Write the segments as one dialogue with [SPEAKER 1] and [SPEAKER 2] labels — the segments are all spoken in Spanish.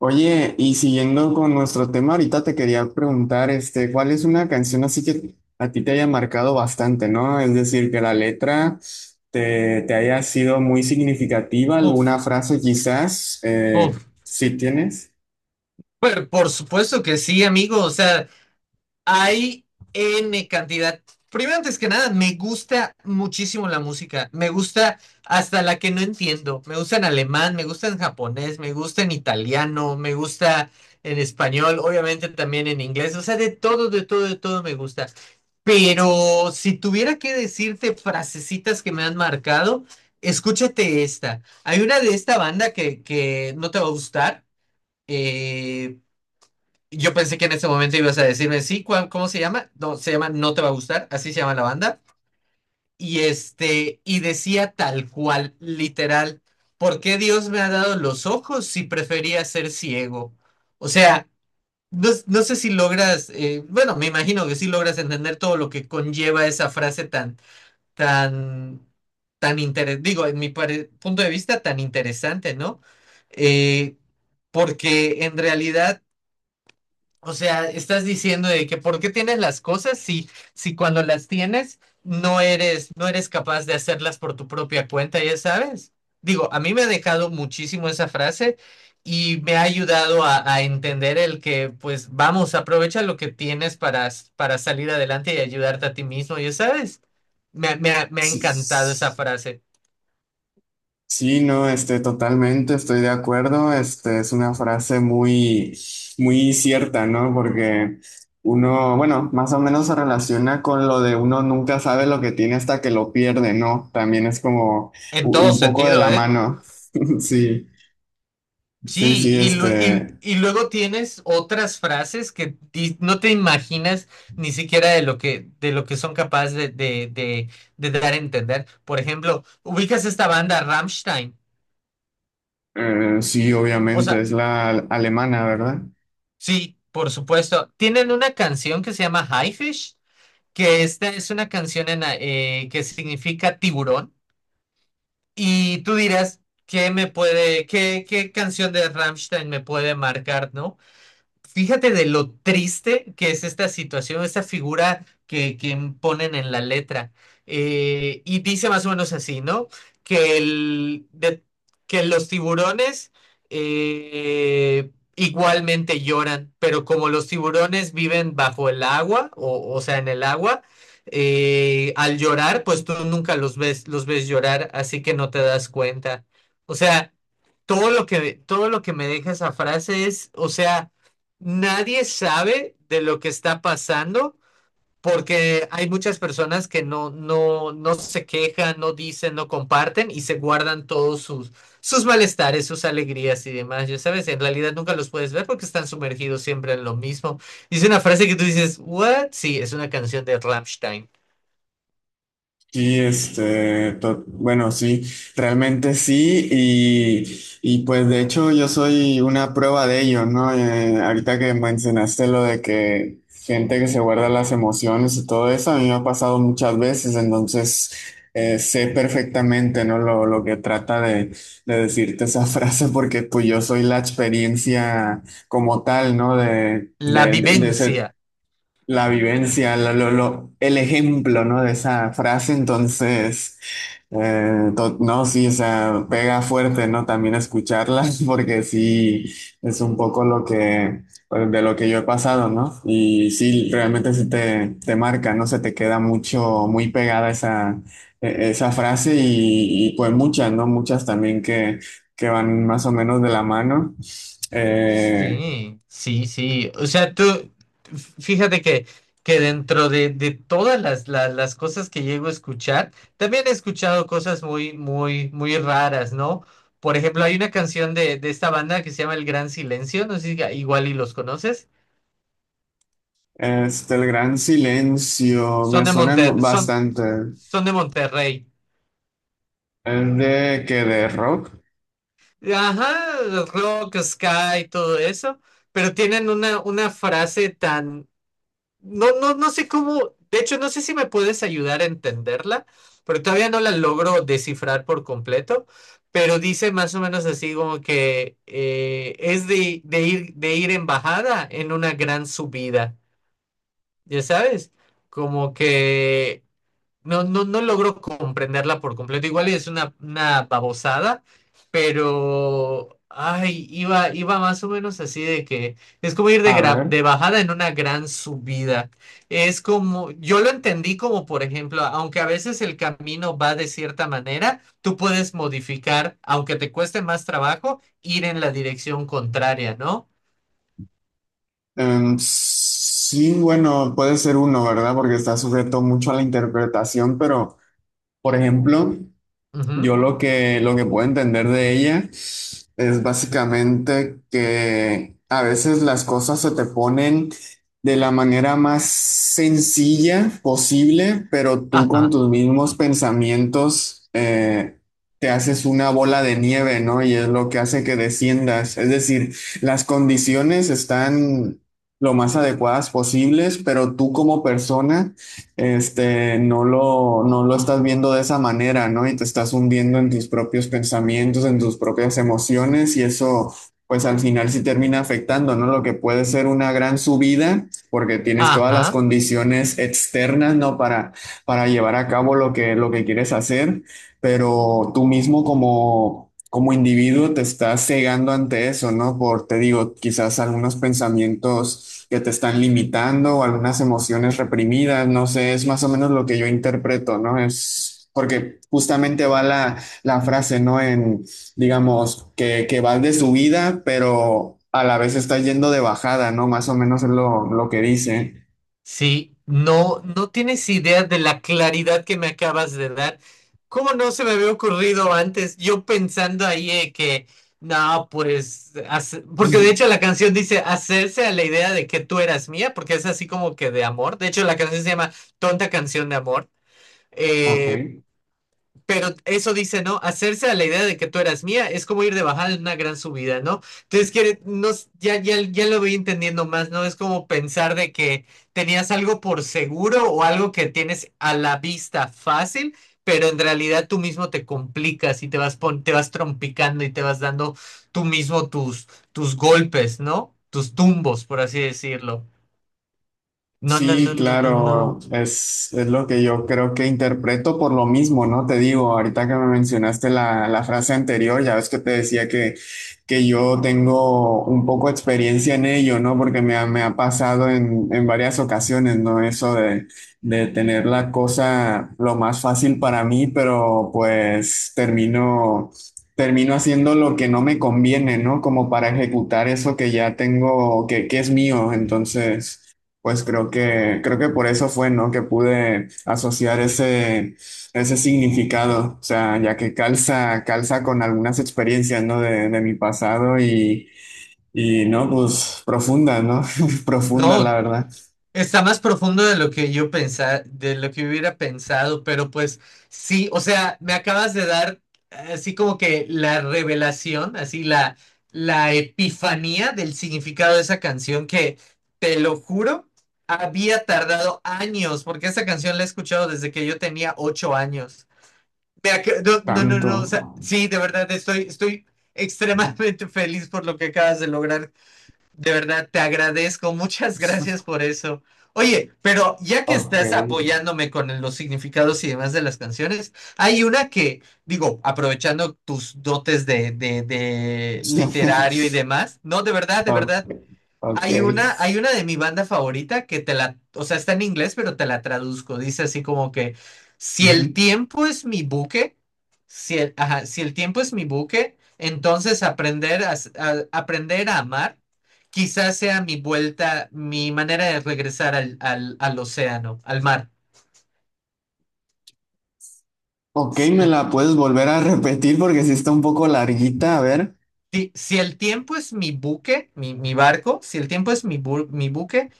[SPEAKER 1] Oye, y siguiendo con nuestro tema, ahorita te quería preguntar, ¿cuál es una canción así que a ti te haya marcado bastante, ¿no? Es decir, que la letra te haya sido muy significativa, alguna
[SPEAKER 2] Puf,
[SPEAKER 1] frase quizás,
[SPEAKER 2] puf.
[SPEAKER 1] si tienes.
[SPEAKER 2] Pero por supuesto que sí, amigo. O sea, hay N cantidad. Primero, antes que nada, me gusta muchísimo la música. Me gusta hasta la que no entiendo. Me gusta en alemán, me gusta en japonés, me gusta en italiano, me gusta en español, obviamente también en inglés. O sea, de todo, de todo, de todo me gusta. Pero si tuviera que decirte frasecitas que me han marcado, escúchate esta. Hay una de esta banda que no te va a gustar. eh, Yo pensé que en ese momento ibas a decirme, sí, ¿cómo se llama? No, se llama No Te Va a Gustar, así se llama la banda. Y este, y decía tal cual, literal, ¿por qué Dios me ha dado los ojos si prefería ser ciego? O sea, no sé si logras, bueno, me imagino que sí logras entender todo lo que conlleva esa frase tan, tan, tan interesante, digo, en mi punto de vista, tan interesante, ¿no? Eh, Porque en realidad, o sea, estás diciendo de que ¿por qué tienes las cosas si, si cuando las tienes no eres capaz de hacerlas por tu propia cuenta, ya sabes? Digo, a mí me ha dejado muchísimo esa frase y me ha ayudado a entender el que, pues, vamos, aprovecha lo que tienes para salir adelante y ayudarte a ti mismo, ya sabes. Me ha encantado esa
[SPEAKER 1] Sí,
[SPEAKER 2] frase,
[SPEAKER 1] sí, no, totalmente estoy de acuerdo. Este, es una frase muy cierta, ¿no? Porque uno, bueno, más o menos se relaciona con lo de uno nunca sabe lo que tiene hasta que lo pierde, ¿no? También es como
[SPEAKER 2] en todo
[SPEAKER 1] un poco de
[SPEAKER 2] sentido,
[SPEAKER 1] la
[SPEAKER 2] ¿eh?
[SPEAKER 1] mano. Sí, sí,
[SPEAKER 2] Sí,
[SPEAKER 1] sí,
[SPEAKER 2] y, lu- y-
[SPEAKER 1] este,
[SPEAKER 2] y luego tienes otras frases que no te imaginas ni siquiera de lo que son capaces de dar a entender. Por ejemplo, ubicas esta banda Rammstein.
[SPEAKER 1] sí,
[SPEAKER 2] O
[SPEAKER 1] obviamente,
[SPEAKER 2] sea,
[SPEAKER 1] es la alemana, ¿verdad?
[SPEAKER 2] sí, por supuesto. Tienen una canción que se llama Highfish, que esta es una canción en, que significa tiburón. Y tú dirás, ¿qué me puede, qué, qué canción de Rammstein me puede marcar, ¿no? Fíjate de lo triste que es esta situación, esta figura que ponen en la letra. Y dice más o menos así, ¿no? Que, el, de- que los tiburones eh, igualmente lloran, pero como los tiburones viven bajo el agua, o sea, en el agua, al llorar, pues tú nunca los ves, los ves llorar, así que no te das cuenta. O sea, todo lo que me deja esa frase es, o sea, nadie sabe de lo que está pasando porque hay muchas personas que no se quejan, no dicen, no comparten y se guardan todos sus, sus malestares, sus alegrías y demás. Ya sabes, en realidad nunca los puedes ver porque están sumergidos siempre en lo mismo. Dice una frase que tú dices, ¿what? Sí, es una canción de Rammstein.
[SPEAKER 1] Sí, bueno, sí, realmente sí, y pues de hecho yo soy una prueba de ello, ¿no? Ahorita que mencionaste lo de que gente que se guarda las emociones y todo eso, a mí me ha pasado muchas veces, entonces sé perfectamente, ¿no? Lo que trata de decirte esa frase, porque pues yo soy la experiencia como tal, ¿no? De,
[SPEAKER 2] La
[SPEAKER 1] de ese
[SPEAKER 2] vivencia.
[SPEAKER 1] la vivencia, el ejemplo, ¿no? De esa frase, entonces, no, sí, o sea, pega fuerte, ¿no? También escucharla, porque sí, es un poco lo que, pues, de lo que yo he pasado, ¿no? Y sí, realmente se te marca, ¿no? Se te queda mucho, muy pegada esa, esa frase y, pues muchas, ¿no? Muchas también que van más o menos de la mano. Eh,
[SPEAKER 2] Sí, sí, sí. O sea, tú, fíjate que dentro de todas las, las cosas que llego a escuchar, también he escuchado cosas muy, muy, muy raras, ¿no? Por ejemplo, hay una canción de esta banda que se llama El Gran Silencio, no sé si igual y los conoces.
[SPEAKER 1] Este, el gran silencio,
[SPEAKER 2] Son
[SPEAKER 1] me
[SPEAKER 2] de
[SPEAKER 1] suenan
[SPEAKER 2] Monter, son,
[SPEAKER 1] bastante.
[SPEAKER 2] son de Monterrey.
[SPEAKER 1] ¿Es de que de rock?
[SPEAKER 2] Ajá, rock, sky, todo eso. Pero tienen una frase tan... No, no, no sé cómo, de hecho, no sé si me puedes ayudar a entenderla, pero todavía no la logro descifrar por completo, pero dice más o menos así como que es de ir en bajada en una gran subida, ya sabes, como que no logro comprenderla por completo. Igual es una babosada, pero ay, iba, iba más o menos así de que es como ir
[SPEAKER 1] A ver.
[SPEAKER 2] de bajada en una gran subida. Es como, yo lo entendí como, por ejemplo, aunque a veces el camino va de cierta manera, tú puedes modificar, aunque te cueste más trabajo, ir en la dirección contraria, ¿no?
[SPEAKER 1] Em, sí, bueno, puede ser uno, ¿verdad? Porque está sujeto mucho a la interpretación, pero, por ejemplo,
[SPEAKER 2] Ujú.
[SPEAKER 1] Lo que puedo entender de ella es básicamente que a veces las cosas se te ponen de la manera más sencilla posible, pero tú con
[SPEAKER 2] Ajá,
[SPEAKER 1] tus mismos pensamientos te haces una bola de nieve, ¿no? Y es lo que hace que desciendas. Es decir, las condiciones están lo más adecuadas posibles, pero tú como persona este, no lo estás viendo de esa manera, ¿no? Y te estás hundiendo en tus propios pensamientos, en tus propias emociones y eso, pues al final sí termina afectando, ¿no? Lo que puede ser una gran subida porque tienes todas las
[SPEAKER 2] ajá.
[SPEAKER 1] condiciones externas, ¿no? Para llevar a cabo lo que quieres hacer pero tú mismo como individuo te estás cegando ante eso, ¿no? Por, te digo, quizás algunos pensamientos que te están limitando o algunas emociones reprimidas, no sé, es más o menos lo que yo interpreto, ¿no? Es porque justamente va la frase, ¿no? En, digamos, que vas de subida, pero a la vez estás yendo de bajada, ¿no? Más o menos es lo que dice.
[SPEAKER 2] Sí, no, no tienes idea de la claridad que me acabas de dar. ¿Cómo no se me había ocurrido antes? Yo pensando ahí que, no, pues, porque de hecho la canción dice hacerse a la idea de que tú eras mía, porque es así como que de amor. De hecho, la canción se llama Tonta Canción de Amor.
[SPEAKER 1] Ok.
[SPEAKER 2] Eh, pero eso dice, ¿no? Hacerse a la idea de que tú eras mía es como ir de bajada en una gran subida, ¿no? Entonces, quiere, no, ya lo voy entendiendo más, ¿no? Es como pensar de que tenías algo por seguro o algo que tienes a la vista fácil, pero en realidad tú mismo te complicas y te vas, te vas trompicando y te vas dando tú mismo tus, tus golpes, ¿no? Tus tumbos, por así decirlo. No, no,
[SPEAKER 1] Sí,
[SPEAKER 2] no, no, no,
[SPEAKER 1] claro,
[SPEAKER 2] no.
[SPEAKER 1] es lo que yo creo que interpreto por lo mismo, ¿no? Te digo, ahorita que me mencionaste la frase anterior, ya ves que te decía que yo tengo un poco de experiencia en ello, ¿no? Porque me me ha pasado en varias ocasiones, ¿no? Eso de tener la cosa lo más fácil para mí, pero pues termino, termino haciendo lo que no me conviene, ¿no? Como para ejecutar eso que ya tengo, que es mío, entonces... Pues creo creo que por eso fue, ¿no? Que pude asociar ese, ese significado, o sea, ya que calza, calza con algunas experiencias, ¿no? De mi pasado y, ¿no? Pues profunda, ¿no? Profunda, la
[SPEAKER 2] No,
[SPEAKER 1] verdad.
[SPEAKER 2] está más profundo de lo que yo pensaba, de lo que hubiera pensado, pero pues sí, o sea, me acabas de dar así como que la revelación, así la, la epifanía del significado de esa canción que, te lo juro, había tardado años, porque esa canción la he escuchado desde que yo tenía 8 años. No, no, no,
[SPEAKER 1] Tanto.
[SPEAKER 2] no, o sea, sí, de verdad, estoy, estoy extremadamente feliz por lo que acabas de lograr. De verdad, te agradezco. Muchas gracias por eso. Oye, pero ya que
[SPEAKER 1] Ok.
[SPEAKER 2] estás apoyándome con los significados y demás de las canciones, hay una que, digo, aprovechando tus dotes de literario y demás, no, de
[SPEAKER 1] Ok.
[SPEAKER 2] verdad,
[SPEAKER 1] Ok.
[SPEAKER 2] hay una de mi banda favorita que te la, o sea, está en inglés, pero te la traduzco. Dice así como que, si el
[SPEAKER 1] Ujú.
[SPEAKER 2] tiempo es mi buque, si el, ajá, si el tiempo es mi buque, entonces aprender a, aprender a amar quizás sea mi vuelta, mi manera de regresar al, al, al océano, al mar.
[SPEAKER 1] Ok, me la puedes volver a repetir porque sí está un poco larguita, a ver.
[SPEAKER 2] Si, si el tiempo es mi buque, mi barco, si el tiempo es mi, mi buque,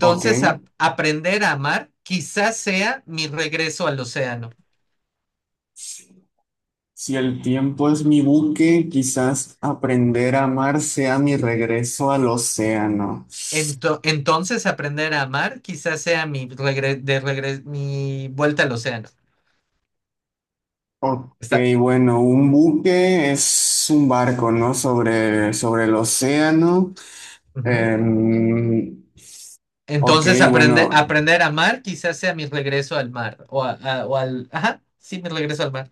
[SPEAKER 1] Ok.
[SPEAKER 2] aprender a amar quizás sea mi regreso al océano.
[SPEAKER 1] Si el tiempo es mi buque, quizás aprender a amar sea mi regreso al océano.
[SPEAKER 2] Entonces aprender a amar quizás sea mi, mi vuelta al océano.
[SPEAKER 1] Ok,
[SPEAKER 2] Está.
[SPEAKER 1] bueno, un buque es un barco, ¿no? Sobre el océano.
[SPEAKER 2] Ujú.
[SPEAKER 1] Em, ok, bueno,
[SPEAKER 2] Aprender a amar quizás sea mi regreso al mar o, o al... Ajá, sí, mi regreso al mar.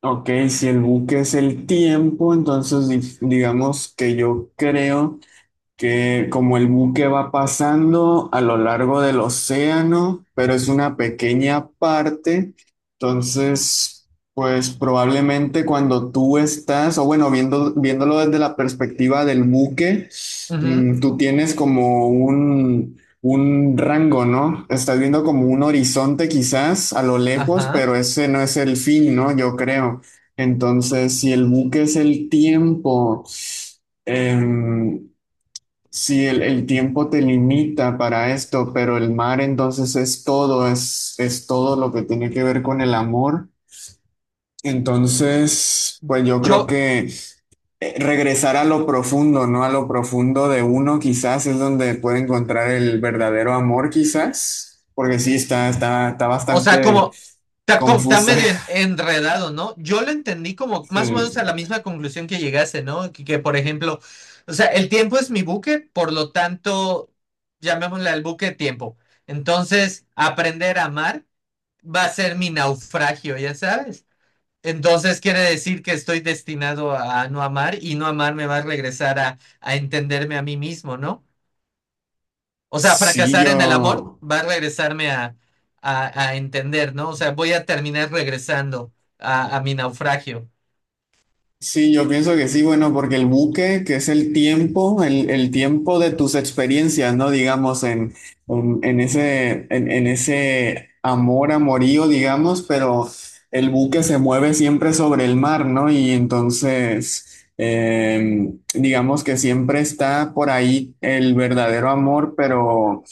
[SPEAKER 1] ok, si el buque es el tiempo, entonces digamos que yo creo que como el buque va pasando a lo largo del océano, pero es una pequeña parte, entonces, pues probablemente cuando tú estás, o bueno, viéndolo desde la perspectiva del buque,
[SPEAKER 2] Ujú,
[SPEAKER 1] mm, tú tienes como un rango, ¿no? Estás viendo como un horizonte quizás a lo lejos,
[SPEAKER 2] ajá.
[SPEAKER 1] pero ese no es el fin, ¿no? Yo creo. Entonces, si el buque es el tiempo, em, sí, el tiempo te limita para esto, pero el mar entonces es todo, es todo lo que tiene que ver con el amor. Entonces, pues yo creo
[SPEAKER 2] Yo,
[SPEAKER 1] que regresar a lo profundo, ¿no? A lo profundo de uno quizás es donde puede encontrar el verdadero amor quizás, porque sí, está
[SPEAKER 2] o sea,
[SPEAKER 1] bastante
[SPEAKER 2] como está, está
[SPEAKER 1] confusa.
[SPEAKER 2] medio enredado, ¿no? Yo lo entendí como
[SPEAKER 1] Sí,
[SPEAKER 2] más o menos a la misma conclusión que llegase, ¿no? Que, por ejemplo, o sea, el tiempo es mi buque, por lo tanto, llamémosle al buque tiempo. Entonces, aprender a amar va a ser mi naufragio, ya sabes. Entonces quiere decir que estoy destinado a no amar y no amar me va a regresar a entenderme a mí mismo, ¿no? O sea,
[SPEAKER 1] sí,
[SPEAKER 2] fracasar en el amor
[SPEAKER 1] yo...
[SPEAKER 2] va a regresarme a entender, ¿no? O sea, voy a terminar regresando a mi naufragio.
[SPEAKER 1] Sí, yo pienso que sí, bueno, porque el buque, que es el tiempo, el tiempo de tus experiencias, ¿no? Digamos, en ese, en ese amor, amorío, digamos, pero el buque se mueve siempre sobre el mar, ¿no? Y entonces, digamos que siempre está por ahí el verdadero amor, pero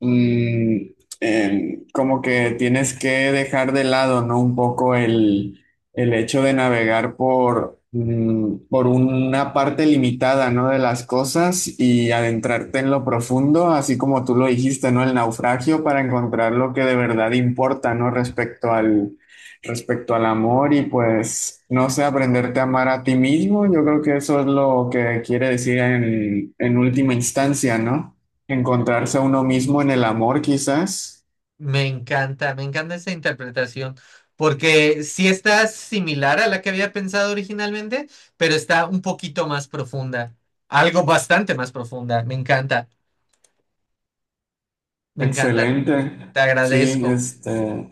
[SPEAKER 1] mm, como que tienes que dejar de lado, ¿no? Un poco el hecho de navegar por, mm, por una parte limitada, ¿no? De las cosas y adentrarte en lo profundo, así como tú lo dijiste, ¿no? El naufragio para encontrar lo que de verdad importa, ¿no? Respecto al amor y pues, no sé, aprenderte a amar a ti mismo. Yo creo que eso es lo que quiere decir en última instancia, ¿no? Encontrarse a uno mismo en el amor, quizás.
[SPEAKER 2] Me encanta esa interpretación, porque sí está similar a la que había pensado originalmente, pero está un poquito más profunda, algo bastante más profunda. Me encanta,
[SPEAKER 1] Excelente.
[SPEAKER 2] te
[SPEAKER 1] Sí,
[SPEAKER 2] agradezco.
[SPEAKER 1] este,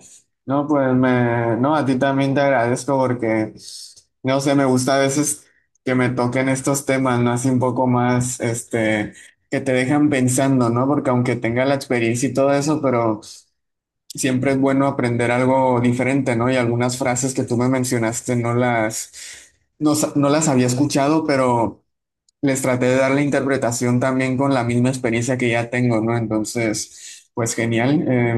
[SPEAKER 1] no, no, a ti también te agradezco porque, no sé, me gusta a veces que me toquen estos temas, ¿no? Así un poco más, este, que te dejan pensando, ¿no? Porque aunque tenga la experiencia y todo eso, pero siempre es bueno aprender algo diferente, ¿no? Y algunas frases que tú me mencionaste no las había escuchado, pero les traté de dar la interpretación también con la misma experiencia que ya tengo, ¿no? Entonces, pues genial,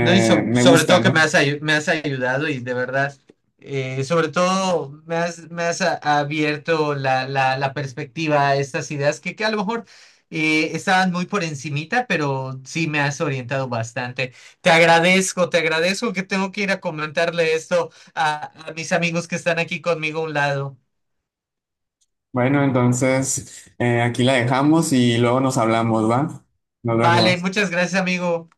[SPEAKER 2] No, y
[SPEAKER 1] me
[SPEAKER 2] sobre
[SPEAKER 1] gusta,
[SPEAKER 2] todo que
[SPEAKER 1] ¿no?
[SPEAKER 2] me has, me has ayudado y de verdad, sobre todo me has abierto la, la, la perspectiva a estas ideas que a lo mejor estaban muy por encimita, pero sí me has orientado bastante. Te agradezco que tengo que ir a comentarle esto a mis amigos que están aquí conmigo a un lado.
[SPEAKER 1] Bueno, entonces aquí la dejamos y luego nos hablamos, ¿va? Nos
[SPEAKER 2] Vale,
[SPEAKER 1] vemos.
[SPEAKER 2] muchas gracias, amigo.